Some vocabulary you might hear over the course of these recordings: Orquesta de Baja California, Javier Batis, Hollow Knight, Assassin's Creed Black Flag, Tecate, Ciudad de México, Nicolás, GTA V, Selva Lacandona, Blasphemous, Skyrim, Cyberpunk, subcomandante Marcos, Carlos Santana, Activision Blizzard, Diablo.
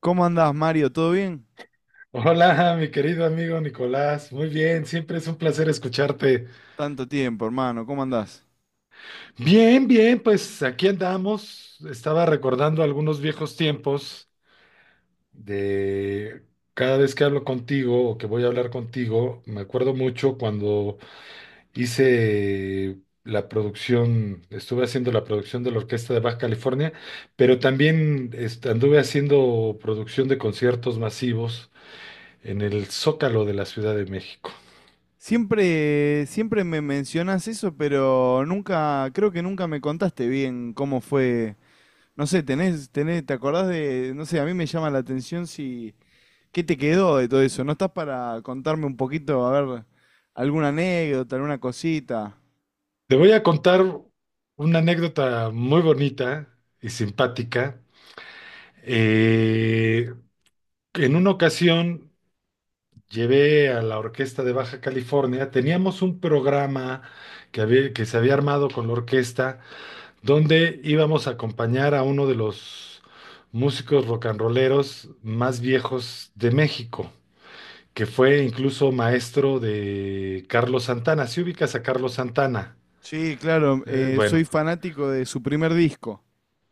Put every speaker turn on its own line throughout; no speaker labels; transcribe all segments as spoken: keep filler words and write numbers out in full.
¿Cómo andás, Mario? ¿Todo bien?
Hola, mi querido amigo Nicolás. Muy bien, siempre es un placer escucharte.
Tanto tiempo, hermano. ¿Cómo andás?
Bien, bien, pues aquí andamos. Estaba recordando algunos viejos tiempos de cada vez que hablo contigo o que voy a hablar contigo, me acuerdo mucho cuando hice la producción, estuve haciendo la producción de la Orquesta de Baja California, pero también est- anduve haciendo producción de conciertos masivos en el Zócalo de la Ciudad de México.
Siempre, siempre me mencionás eso, pero nunca, creo que nunca me contaste bien cómo fue. No sé, tenés, tenés, ¿te acordás de, no sé, a mí me llama la atención si, ¿qué te quedó de todo eso? ¿No estás para contarme un poquito, a ver, alguna anécdota, alguna cosita?
Te voy a contar una anécdota muy bonita y simpática. Eh, en una ocasión llevé a la Orquesta de Baja California, teníamos un programa que había- que se había armado con la orquesta, donde íbamos a acompañar a uno de los músicos rock and rolleros más viejos de México, que fue incluso maestro de Carlos Santana. Si ubicas a Carlos Santana,
Sí, claro,
Eh,
eh,
bueno.
soy fanático de su primer disco.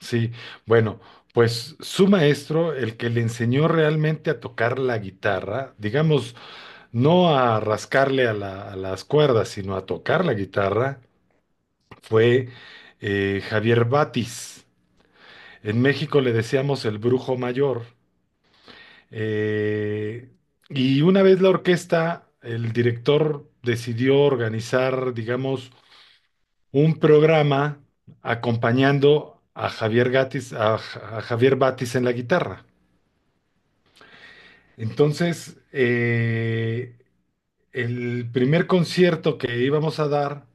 Sí, bueno, pues su maestro, el que le enseñó realmente a tocar la guitarra, digamos, no a rascarle a la- a las cuerdas, sino a tocar la guitarra, fue eh, Javier Batis. En México le decíamos el brujo mayor. Eh, y una vez la orquesta, el director decidió organizar, digamos, un programa acompañando a Javier Gatis, a a Javier Batis en la guitarra. Entonces, eh, el primer concierto que íbamos a dar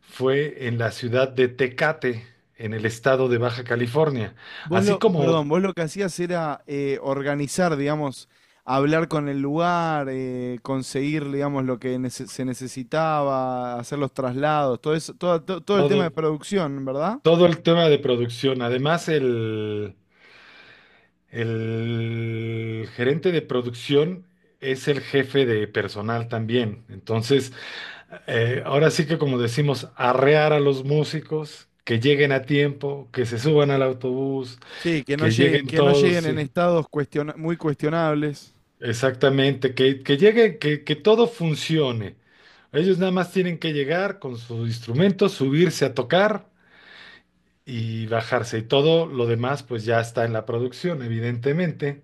fue en la ciudad de Tecate, en el estado de Baja California,
Vos
así
lo,
como
perdón, vos lo que hacías era eh, organizar, digamos, hablar con el lugar, eh, conseguir, digamos, lo que nece- se necesitaba, hacer los traslados, todo eso, todo, to- todo el tema de
todo,
producción, ¿verdad?
todo el tema de producción. Además, el, el gerente de producción es el jefe de personal también. Entonces, eh, ahora sí que como decimos, arrear a los músicos, que lleguen a tiempo, que se suban al autobús,
Sí, que no
que
llegue-
lleguen
que no
todos,
lleguen en
sí.
estados cuestiona- muy cuestionables.
Exactamente, que, que llegue, que, que todo funcione. Ellos nada más tienen que llegar con su instrumento, subirse a tocar y bajarse. Y todo lo demás pues ya está en la producción, evidentemente.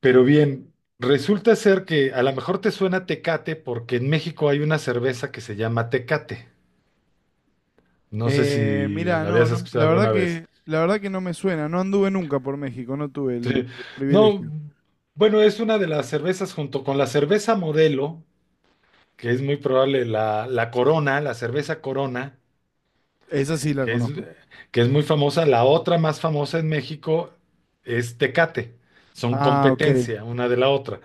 Pero bien, resulta ser que a lo mejor te suena Tecate porque en México hay una cerveza que se llama Tecate. No sé
Eh,
si
mira,
la
no,
habías
no,
escuchado
la verdad
alguna vez.
que, la verdad que no me suena, no anduve nunca por México, no tuve el
Sí.
el
No,
privilegio.
bueno, es una de las cervezas junto con la cerveza modelo, que es muy probable la, la Corona, la cerveza Corona,
Esa sí la
que es,
conozco.
que es muy famosa. La otra más famosa en México es Tecate. Son
Ah, ok.
competencia una de la otra.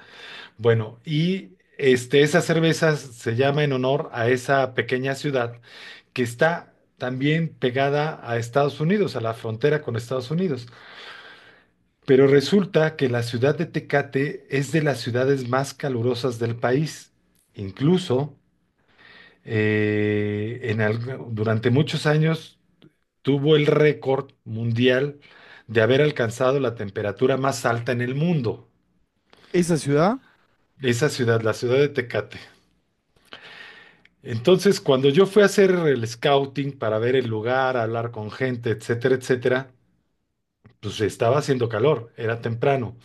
Bueno, y este, esa cerveza se llama en honor a esa pequeña ciudad que está también pegada a Estados Unidos, a la frontera con Estados Unidos. Pero resulta que la ciudad de Tecate es de las ciudades más calurosas del país. Incluso eh, en al- durante muchos años tuvo el récord mundial de haber alcanzado la temperatura más alta en el mundo,
¿Esa ciudad?
esa ciudad, la ciudad de Tecate. Entonces, cuando yo fui a hacer el scouting para ver el lugar, hablar con gente, etcétera, etcétera, pues estaba haciendo calor, era temprano,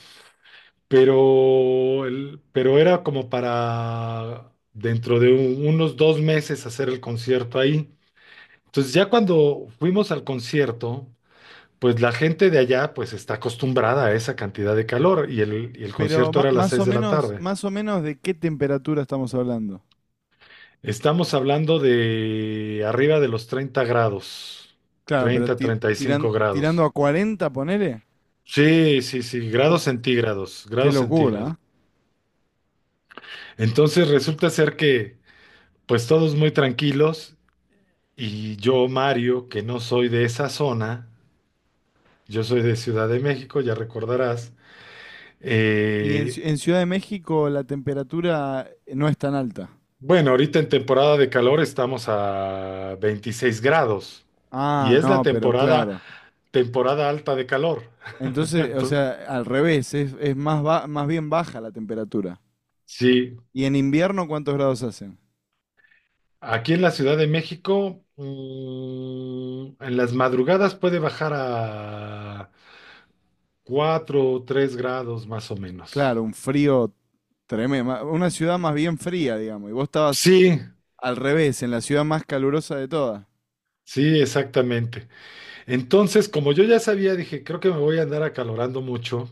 pero, el- pero era como para dentro de un- unos dos meses hacer el concierto ahí. Entonces, ya cuando fuimos al concierto, pues la gente de allá pues está acostumbrada a esa cantidad de calor y el, y el
Pero
concierto
ma-
era a las
más
seis
o
de la
menos,
tarde.
más o menos de qué temperatura estamos hablando.
Estamos hablando de arriba de los treinta grados,
Claro, pero
treinta
ti-
treinta y
tiran-
cinco
tirando
grados.
a cuarenta, ponele.
Sí, sí, sí, grados
Uf,
centígrados,
qué
grados
locura,
centígrados.
¿eh?
Entonces resulta ser que pues todos muy tranquilos y yo, Mario, que no soy de esa zona, yo soy de Ciudad de México, ya recordarás.
Y en,
eh,
Ci- en Ciudad de México la temperatura no es tan alta.
Bueno, ahorita en temporada de calor estamos a veintiséis grados y
Ah,
es la
no, pero
temporada,
claro.
temporada alta de calor.
Entonces, o
Entonces,
sea, al revés, es, es más, ba- más bien baja la temperatura.
sí,
¿Y en invierno cuántos grados hacen?
aquí en la Ciudad de México, mm, en las madrugadas puede bajar a cuatro o tres grados más o menos.
Claro, un frío tremendo. Una ciudad más bien fría, digamos. Y vos estabas
Sí,
al revés, en la ciudad más calurosa de todas.
sí, exactamente. Entonces, como yo ya sabía, dije, creo que me voy a andar acalorando mucho.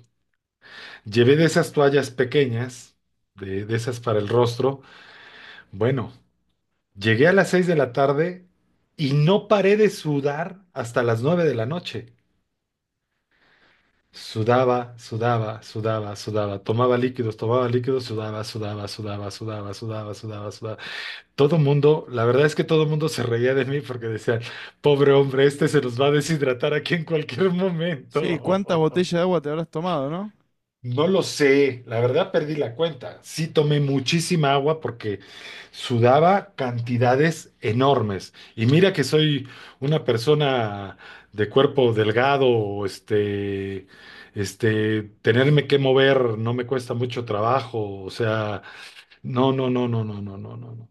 Llevé de esas toallas pequeñas, de, de esas para el rostro. Bueno. Llegué a las seis de la tarde y no paré de sudar hasta las nueve de la noche. Sudaba, sudaba, sudaba, sudaba. Tomaba líquidos, tomaba líquidos, sudaba, sudaba, sudaba, sudaba, sudaba, sudaba, sudaba. Todo mundo, la verdad es que todo mundo se reía de mí porque decían, pobre hombre, este se nos va a deshidratar aquí en cualquier
Sí, ¿cuántas
momento.
botellas de agua te habrás tomado, no?
No lo sé, la verdad perdí la cuenta. Sí tomé muchísima agua porque sudaba cantidades enormes. Y mira que soy una persona de cuerpo delgado, este, este, tenerme que mover no me cuesta mucho trabajo. O sea, no, no, no, no, no, no, no, no, no.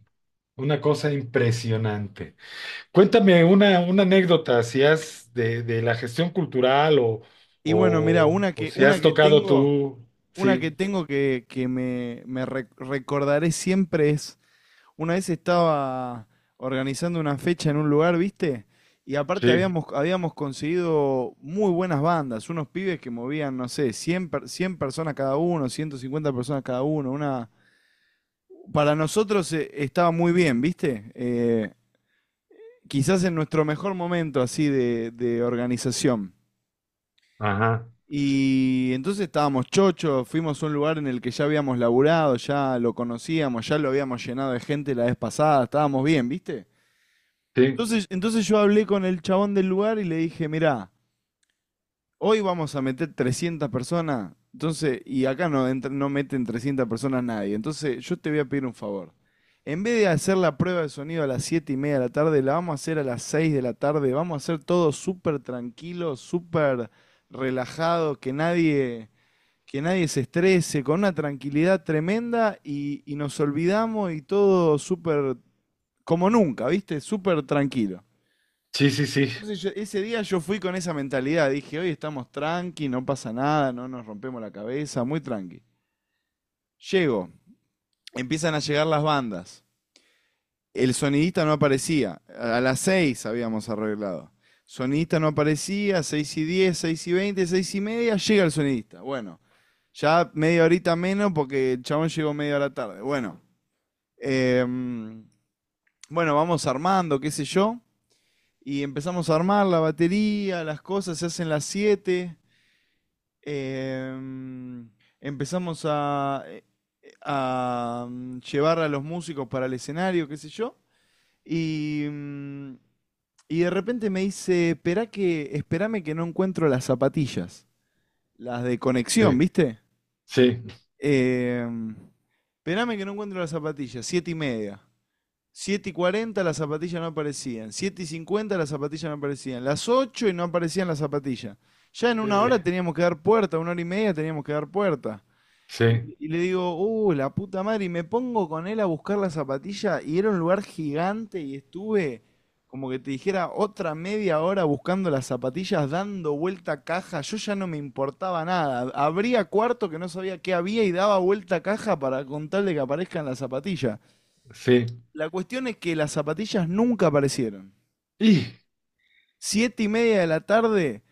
Una cosa impresionante. Cuéntame una, una anécdota, si has de, de la gestión cultural o,
Y bueno, mirá,
o,
una
o
que,
si
una
has
que
tocado
tengo,
tú.
una que
Sí.
tengo que, que me, me re- recordaré siempre es, una vez estaba organizando una fecha en un lugar, ¿viste? Y aparte
Sí,
habíamos, habíamos conseguido muy buenas bandas, unos pibes que movían, no sé, cien per- cien personas cada uno, ciento cincuenta personas cada uno, una... Para nosotros, eh, estaba muy bien, ¿viste? Eh, quizás en nuestro mejor momento así de de organización.
ajá,
Y entonces estábamos chochos, fuimos a un lugar en el que ya habíamos laburado, ya lo conocíamos, ya lo habíamos llenado de gente la vez pasada, estábamos bien, ¿viste?
sí,
Entonces, entonces yo hablé con el chabón del lugar y le dije, mirá, hoy vamos a meter trescientas personas. Entonces, y acá no, entra- no meten trescientas personas nadie, entonces yo te voy a pedir un favor. En vez de hacer la prueba de sonido a las siete y media de la tarde, la vamos a hacer a las seis de la tarde, vamos a hacer todo súper tranquilo, súper relajado, que nadie que nadie se estrese, con una tranquilidad tremenda y, y nos olvidamos y todo súper, como nunca, ¿viste? Súper tranquilo.
sí, sí, sí,
Entonces yo- ese día yo fui con esa mentalidad, dije, hoy estamos tranqui, no pasa nada, no nos rompemos la cabeza, muy tranqui. Llego, empiezan a llegar las bandas. El sonidista no aparecía. A las seis habíamos arreglado. Sonidista no aparecía. Seis y diez, seis y veinte, seis y media, llega el sonidista. Bueno, ya media horita menos porque el chabón llegó media hora tarde. Bueno, em, bueno, vamos armando, qué sé yo. Y empezamos a armar la batería, las cosas, se hacen las siete. em, Empezamos a, a mm, llevar a los músicos para el escenario, qué sé yo. Y, mm, Y de repente me dice, esperá que, esperame que no encuentro las zapatillas, las de conexión,
sí,
¿viste?
sí,
Em, Esperame que no encuentro las zapatillas, siete y media. Siete y cuarenta las zapatillas no aparecían, siete y cincuenta las zapatillas no aparecían, las ocho y no aparecían las zapatillas. Ya en una hora
eh,
teníamos que dar puerta, una hora y media teníamos que dar puerta.
sí,
Y, y le digo, uh, la puta madre, y me pongo con él a buscar la zapatilla y era un lugar gigante y estuve, como que te dijera, otra media hora buscando las zapatillas, dando vuelta a caja, yo ya no me importaba nada, abría cuarto que no sabía qué había y daba vuelta a caja para contarle que aparezcan las zapatillas.
sí,
La cuestión es que las zapatillas nunca aparecieron.
y,
Siete y media de la tarde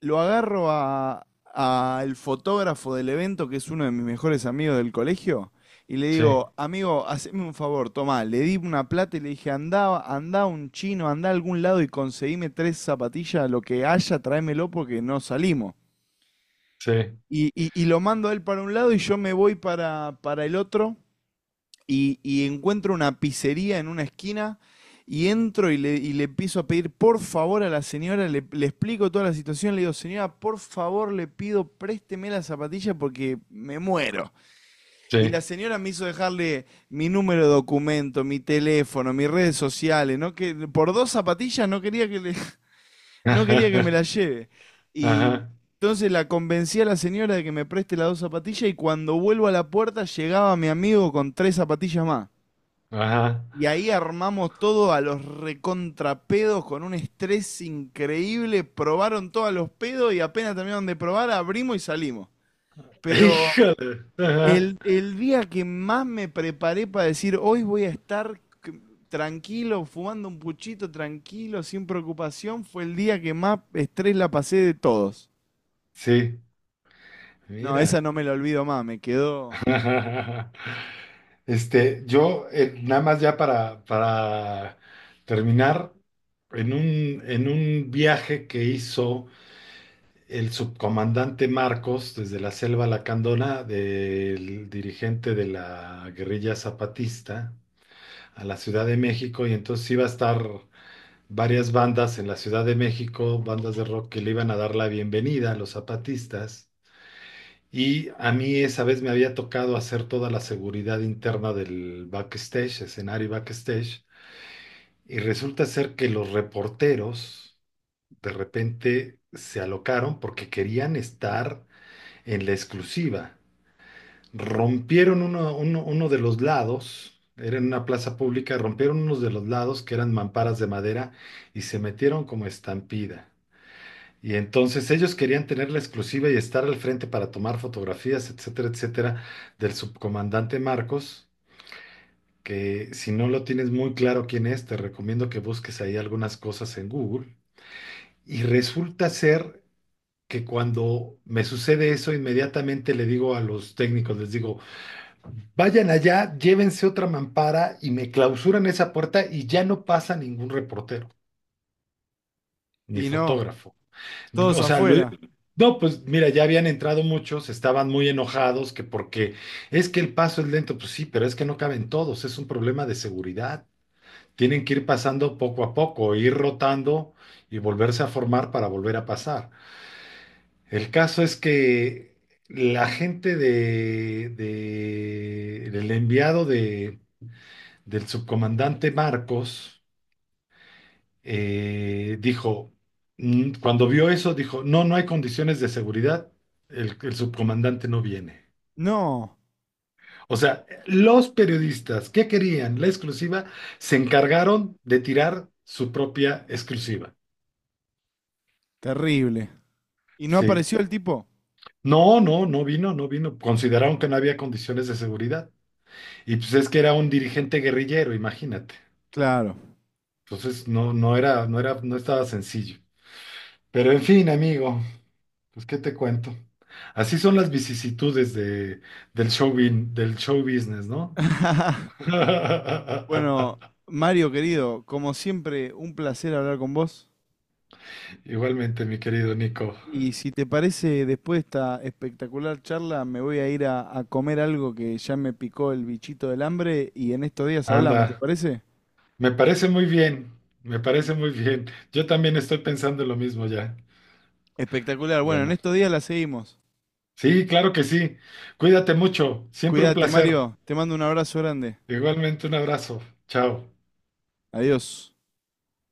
lo agarro a, a el fotógrafo del evento, que es uno de mis mejores amigos del colegio, y le
sí,
digo, amigo, haceme un favor, tomá, le di una plata y le dije, andá, andá un chino, andá a algún lado y conseguime tres zapatillas, lo que haya, tráemelo porque no salimos.
sí,
Y, y- y lo mando a él para un lado y yo me voy para, para el otro y, y encuentro una pizzería en una esquina y entro y le, y le empiezo a pedir por favor a la señora, le, le explico toda la situación, le digo, señora, por favor le pido, présteme la zapatilla porque me muero. Y la
sí,
señora me hizo dejarle mi número de documento, mi teléfono, mis redes sociales, ¿no? Que por dos zapatillas no quería que, le- no quería que me
ajá,
la lleve. Y
ajá,
entonces la convencí a la señora de que me preste las dos zapatillas y cuando vuelvo a la puerta llegaba mi amigo con tres zapatillas más.
ajá,
Y ahí armamos todo a los recontrapedos con un estrés increíble. Probaron todos los pedos y apenas terminaron de probar, abrimos y salimos.
ij,
Pero
ajá,
el, el día que más me preparé para decir, hoy voy a estar c- tranquilo, fumando un puchito tranquilo, sin preocupación, fue el día que más estrés la pasé de todos.
sí,
No, esa
mira,
no me la olvido más, me quedó.
este, yo, eh, nada más ya para, para terminar, en un, en un viaje que hizo el subcomandante Marcos desde la Selva Lacandona, del dirigente de la guerrilla zapatista, a la Ciudad de México, y entonces iba a estar varias bandas en la Ciudad de México, bandas de rock que le iban a dar la bienvenida a los zapatistas. Y a mí esa vez me había tocado hacer toda la seguridad interna del backstage, escenario y backstage, y resulta ser que los reporteros de repente se alocaron porque querían estar en la exclusiva. Rompieron uno, uno- uno de los lados, era en una plaza pública, rompieron unos de los lados que eran mamparas de madera y se metieron como estampida. Y entonces ellos querían tener la exclusiva y estar al frente para tomar fotografías, etcétera, etcétera, del subcomandante Marcos, que si no lo tienes muy claro quién es, te recomiendo que busques ahí algunas cosas en Google. Y resulta ser que cuando me sucede eso, inmediatamente le digo a los técnicos, les digo, vayan allá, llévense otra mampara y me clausuran esa puerta y ya no pasa ningún reportero ni
Y no,
fotógrafo.
todos
O sea, lo-
afuera.
no, pues mira, ya habían entrado muchos, estaban muy enojados que porque es que el paso es lento, pues sí, pero es que no caben todos, es un problema de seguridad. Tienen que ir pasando poco a poco, ir rotando y volverse a formar para volver a pasar. El caso es que la gente de, de- del enviado de del subcomandante Marcos, eh, dijo, mm, cuando vio eso, dijo, no, no hay condiciones de seguridad, el, el subcomandante no viene.
No,
O sea, los periodistas que querían la exclusiva se encargaron de tirar su propia exclusiva.
terrible. ¿Y no
Sí.
apareció el tipo?
No, no, no vino, no vino. Consideraron que no había condiciones de seguridad. Y pues es que era un dirigente guerrillero, imagínate.
Claro.
Entonces no, no era, no era, no estaba sencillo. Pero en fin, amigo, pues, ¿qué te cuento? Así son las vicisitudes de, del show, bin- del show business, ¿no?
Bueno, Mario querido, como siempre, un placer hablar con vos.
Igualmente, mi querido Nico.
Y si te parece, después de esta espectacular charla, me voy a ir a, a comer algo que ya me picó el bichito del hambre y en estos días hablamos, ¿te
Anda,
parece?
me parece muy bien, me parece muy bien. Yo también estoy pensando en lo mismo ya.
Espectacular. Bueno, en
Bueno,
estos días la seguimos.
sí, claro que sí. Cuídate mucho, siempre un
Cuídate,
placer.
Mario. Te mando un abrazo grande.
Igualmente, un abrazo. Chao.
Adiós.